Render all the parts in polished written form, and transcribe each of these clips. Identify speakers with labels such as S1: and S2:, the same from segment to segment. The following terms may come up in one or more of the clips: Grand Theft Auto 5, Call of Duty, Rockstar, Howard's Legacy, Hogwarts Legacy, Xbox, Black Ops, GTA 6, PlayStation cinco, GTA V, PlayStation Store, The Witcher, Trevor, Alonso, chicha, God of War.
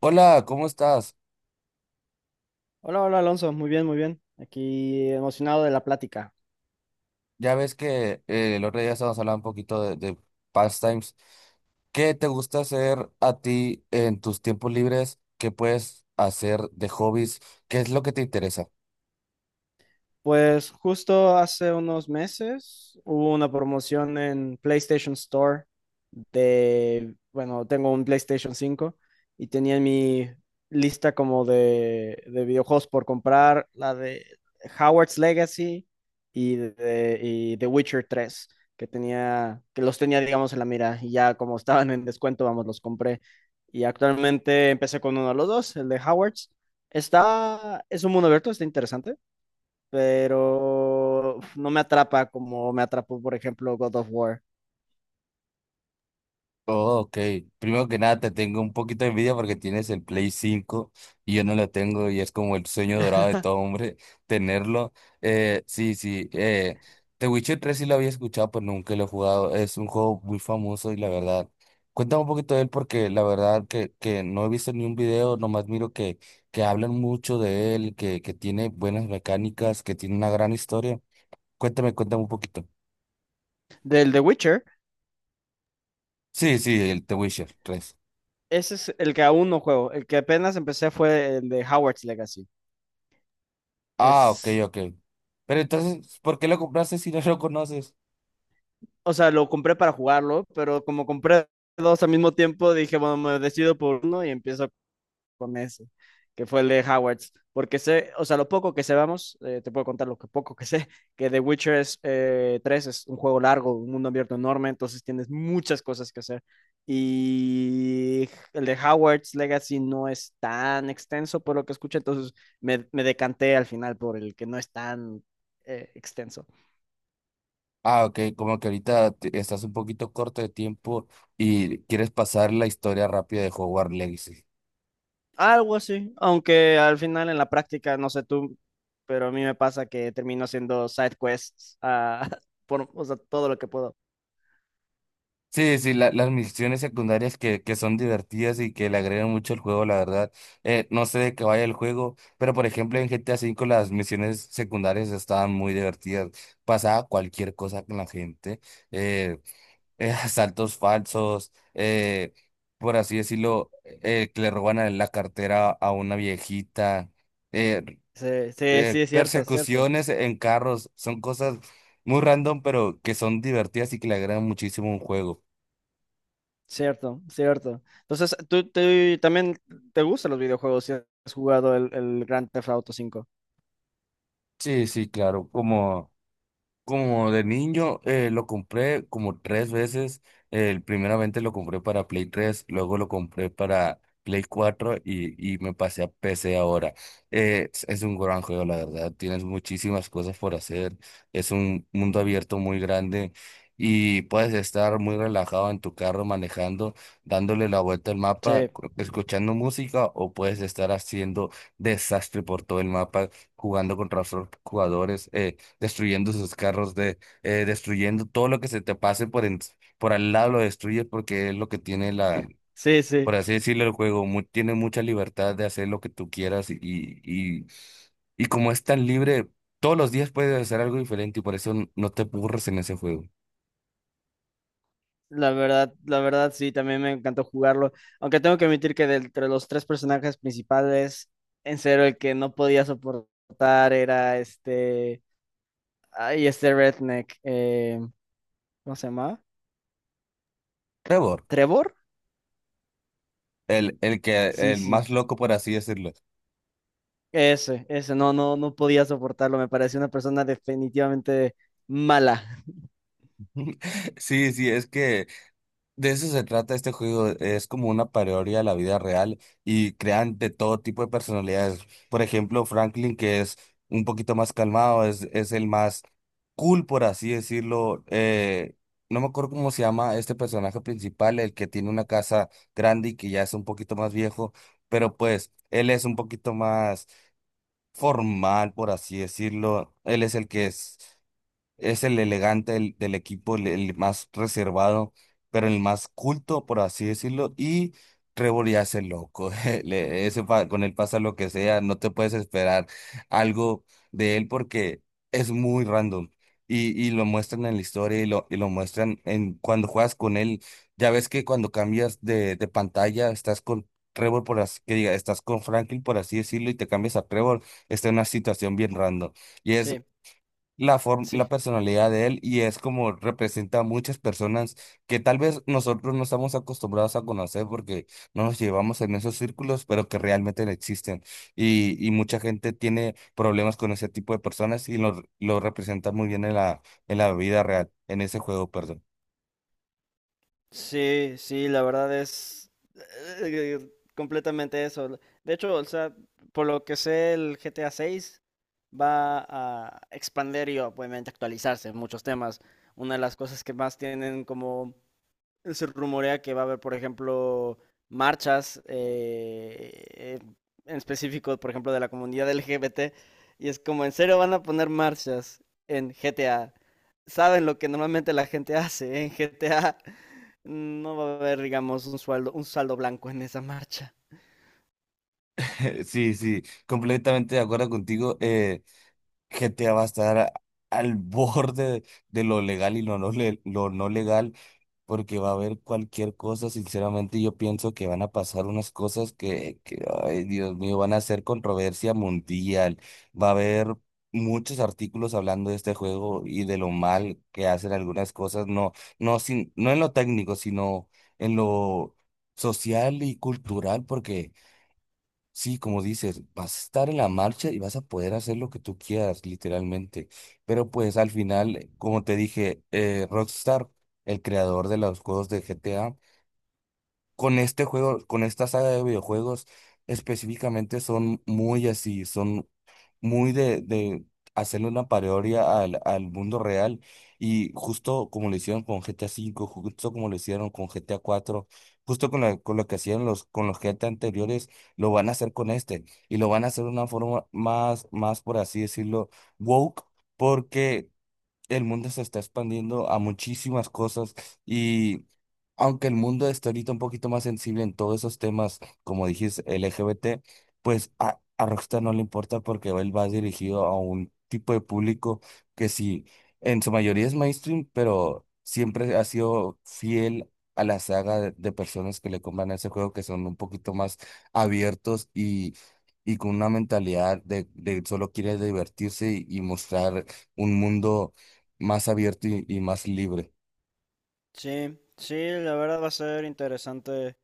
S1: Hola, ¿cómo estás?
S2: Hola, hola Alonso, muy bien, muy bien. Aquí emocionado de la plática.
S1: Ya ves que el otro día estábamos hablando un poquito de pastimes. ¿Qué te gusta hacer a ti en tus tiempos libres? ¿Qué puedes hacer de hobbies? ¿Qué es lo que te interesa?
S2: Pues justo hace unos meses hubo una promoción en PlayStation Store bueno, tengo un PlayStation 5 y tenía en mi lista como de videojuegos por comprar la de Howard's Legacy y The Witcher 3 que los tenía, digamos, en la mira y ya como estaban en descuento, vamos, los compré. Y actualmente empecé con uno de los dos, el de Howard's. Es un mundo abierto, está interesante, pero no me atrapa como me atrapó, por ejemplo, God of War.
S1: Oh, ok. Primero que nada, te tengo un poquito de envidia porque tienes el Play 5 y yo no lo tengo y es como el sueño dorado de todo hombre tenerlo. Sí, sí. The Witcher tres sí lo había escuchado, pero nunca lo he jugado. Es un juego muy famoso y la verdad, cuéntame un poquito de él porque la verdad que no he visto ni un video, nomás miro que hablan mucho de él, que tiene buenas mecánicas, que tiene una gran historia. Cuéntame un poquito.
S2: Del The Witcher,
S1: Sí, sí, el The Witcher tres.
S2: ese es el que aún no juego. El que apenas empecé fue el de Howard's Legacy.
S1: Ah, ok,
S2: Es,
S1: ok. Pero entonces, ¿por qué lo compraste si no lo conoces?
S2: o sea, lo compré para jugarlo, pero como compré dos al mismo tiempo, dije, bueno, me decido por uno y empiezo con ese, que fue el de Howards. Porque sé, o sea, lo poco que sabemos, te puedo contar lo que poco que sé, que The Witcher 3 es un juego largo, un mundo abierto enorme, entonces tienes muchas cosas que hacer. Y el de Howard's Legacy no es tan extenso por lo que escuché, entonces me decanté al final por el que no es tan extenso.
S1: Ah, ok, como que ahorita estás un poquito corto de tiempo y quieres pasar la historia rápida de Hogwarts Legacy.
S2: Algo así, aunque al final en la práctica, no sé tú, pero a mí me pasa que termino haciendo side quests, ah, o sea, todo lo que puedo.
S1: Sí, sí, las misiones secundarias que son divertidas y que le agregan mucho al juego, la verdad. No sé de qué vaya el juego, pero por ejemplo en GTA 5 las misiones secundarias estaban muy divertidas. Pasaba cualquier cosa con la gente. eh, asaltos falsos, por así decirlo, que le roban la cartera a una viejita, eh,
S2: Sí, sí, sí, es cierto,
S1: persecuciones en carros, son cosas muy random, pero que son divertidas y que le agradan muchísimo a un juego.
S2: cierto, cierto. Entonces, ¿tú también te gustan los videojuegos, si has jugado el Grand Theft Auto 5?
S1: Sí, sí, claro, como... Como de niño, lo compré como tres veces. Primeramente lo compré para Play tres, luego lo compré para Play 4 y me pasé a PC ahora. Es un gran juego, la verdad. Tienes muchísimas cosas por hacer. Es un mundo abierto muy grande y puedes estar muy relajado en tu carro manejando, dándole la vuelta al mapa,
S2: Sí,
S1: escuchando música o puedes estar haciendo desastre por todo el mapa, jugando contra otros jugadores. Destruyendo sus carros, destruyendo todo lo que se te pase por al lado, lo destruyes porque es lo que tiene
S2: sí, sí.
S1: por así decirlo, el juego, tiene mucha libertad de hacer lo que tú quieras y como es tan libre, todos los días puedes hacer algo diferente y por eso no te aburres en ese juego.
S2: La verdad, sí, también me encantó jugarlo. Aunque tengo que admitir que, de entre los tres personajes principales, en serio, el que no podía soportar era este, ay, este redneck, ¿cómo se llama?
S1: Trevor,
S2: ¿Trevor? Sí,
S1: el más
S2: sí.
S1: loco, por así decirlo.
S2: Ese, no, no, no podía soportarlo. Me parecía una persona definitivamente mala.
S1: Sí, sí, es que de eso se trata este juego, es como una parodia a la vida real y crean de todo tipo de personalidades. Por ejemplo, Franklin, que es un poquito más calmado, es el más cool, por así decirlo. No me acuerdo cómo se llama este personaje principal, el que tiene una casa grande y que ya es un poquito más viejo, pero pues él es un poquito más formal, por así decirlo. Él es el que es. Es el elegante del equipo, el más reservado, pero el más culto, por así decirlo. Y Trevor ya es el loco. Con él pasa lo que sea. No te puedes esperar algo de él porque es muy random. Y lo muestran en la historia y lo muestran en cuando juegas con él. Ya ves que cuando cambias de pantalla, estás con Trevor, por así que diga, estás con Franklin, por así decirlo, y te cambias a Trevor, está en una situación bien random. Y es
S2: Sí,
S1: la forma, la
S2: sí,
S1: personalidad de él y es como representa a muchas personas que tal vez nosotros no estamos acostumbrados a conocer porque no nos llevamos en esos círculos, pero que realmente no existen. Y mucha gente tiene problemas con ese tipo de personas lo representa muy bien en en la vida real, en ese juego, perdón.
S2: sí, sí, la verdad es eh, completamente eso. De hecho, o sea, por lo que sé, el GTA 6 va a expandir y obviamente actualizarse en muchos temas. Una de las cosas que más tienen, como se rumorea que va a haber, por ejemplo, marchas en específico, por ejemplo, de la comunidad LGBT. Y es como, en serio, ¿van a poner marchas en GTA? Saben lo que normalmente la gente hace, ¿eh?, en GTA. No va a haber, digamos, un sueldo, un saldo blanco en esa marcha.
S1: Sí, sí, completamente de acuerdo contigo. GTA va a estar al borde de lo legal y lo no, lo no legal porque va a haber cualquier cosa, sinceramente yo pienso que van a pasar unas cosas ay Dios mío, van a ser controversia mundial, va a haber muchos artículos hablando de este juego y de lo mal que hacen algunas cosas, no en lo técnico, sino en lo social y cultural, porque... Sí, como dices, vas a estar en la marcha y vas a poder hacer lo que tú quieras, literalmente. Pero pues al final, como te dije, Rockstar, el creador de los juegos de GTA, con este juego, con esta saga de videojuegos, específicamente son muy así, son muy de hacerle una parodia al mundo real y justo como lo hicieron con GTA 5, justo como lo hicieron con GTA 4, justo con lo que hacían con los GTA anteriores, lo van a hacer con este y lo van a hacer de una forma más por así decirlo, woke. Porque el mundo se está expandiendo a muchísimas cosas y aunque el mundo está ahorita un poquito más sensible en todos esos temas, como dijiste, LGBT, pues a Rockstar no le importa porque él va dirigido a un tipo de público que sí, en su mayoría es mainstream, pero siempre ha sido fiel a la saga de personas que le compran ese juego, que son un poquito más abiertos y con una mentalidad de solo quiere divertirse y mostrar un mundo más abierto y más libre.
S2: Sí, sí, la verdad va a ser interesante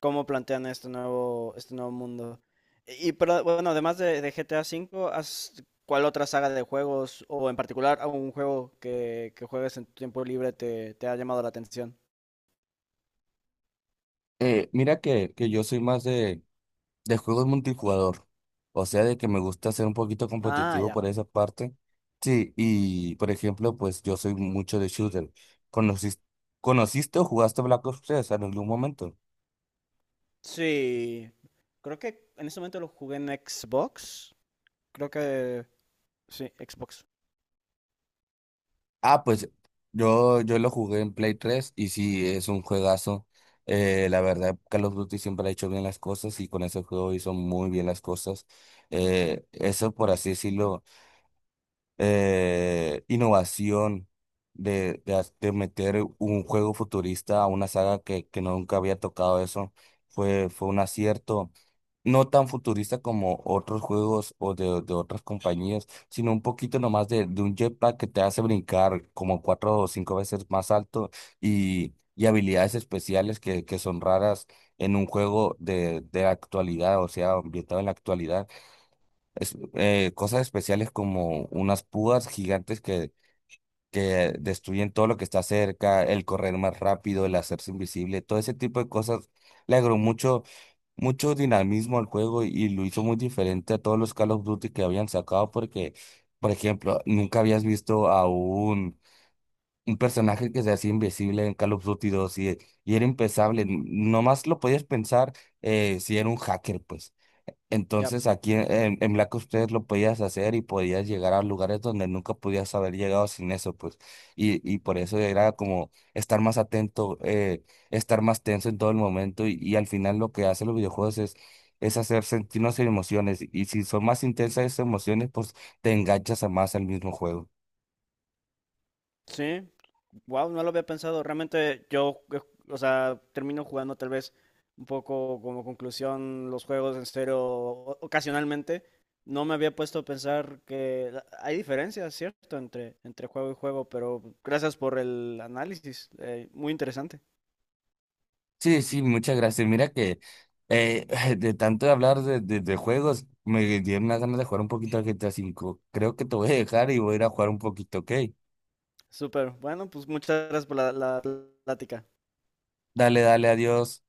S2: cómo plantean este nuevo mundo. Y, pero bueno, además de GTA 5. ¿Cuál otra saga de juegos, o en particular algún juego que juegues en tu tiempo libre, te ha llamado la atención?
S1: Mira que yo soy más de juegos multijugador, o sea, de que me gusta ser un poquito
S2: Ah,
S1: competitivo
S2: ya.
S1: por esa parte. Sí, y por ejemplo, pues yo soy mucho de shooter. ¿Conociste, ¿conociste o jugaste Black Ops tres en algún momento?
S2: Sí. Creo que en ese momento lo jugué en Xbox. Creo que sí, Xbox.
S1: Ah, pues yo lo jugué en Play 3 y sí, es un juegazo. La verdad, Call of Duty siempre ha hecho bien las cosas y con ese juego hizo muy bien las cosas. Eso, por así decirlo, innovación de meter un juego futurista a una saga que nunca había tocado eso. Fue un acierto, no tan futurista como otros juegos o de otras compañías, sino un poquito nomás de un jetpack que te hace brincar como cuatro o cinco veces más alto y habilidades especiales que son raras en un juego de la actualidad, o sea, ambientado en la actualidad cosas especiales como unas púas gigantes que destruyen todo lo que está cerca, el correr más rápido, el hacerse invisible, todo ese tipo de cosas le agregó mucho, mucho dinamismo al juego y lo hizo muy diferente a todos los Call of Duty que habían sacado porque, por ejemplo, nunca habías visto a un personaje que se hacía invisible en Call of Duty 2 y era impensable, nomás lo podías pensar si era un hacker, pues.
S2: Ya.
S1: Entonces aquí en Black Ops 3 lo podías hacer y podías llegar a lugares donde nunca podías haber llegado sin eso, pues. Y por eso era como estar más atento, estar más tenso en todo el momento y al final lo que hacen los videojuegos es hacer sentirnos emociones y si son más intensas esas emociones, pues te enganchas a más al mismo juego.
S2: Sí. Wow, no lo había pensado. Realmente yo, o sea, termino jugando tal vez un poco, como conclusión, los juegos en cero ocasionalmente. No me había puesto a pensar que hay diferencias, ¿cierto? Entre juego y juego, pero gracias por el análisis. Muy interesante.
S1: Sí, sí, muchas gracias. Mira que eh, de tanto de hablar de juegos, me dieron unas ganas de jugar un poquito al GTA cinco. Creo que te voy a dejar y voy a ir a jugar un poquito, ¿ok?
S2: Súper. Bueno, pues muchas gracias por la plática.
S1: Dale, dale, adiós.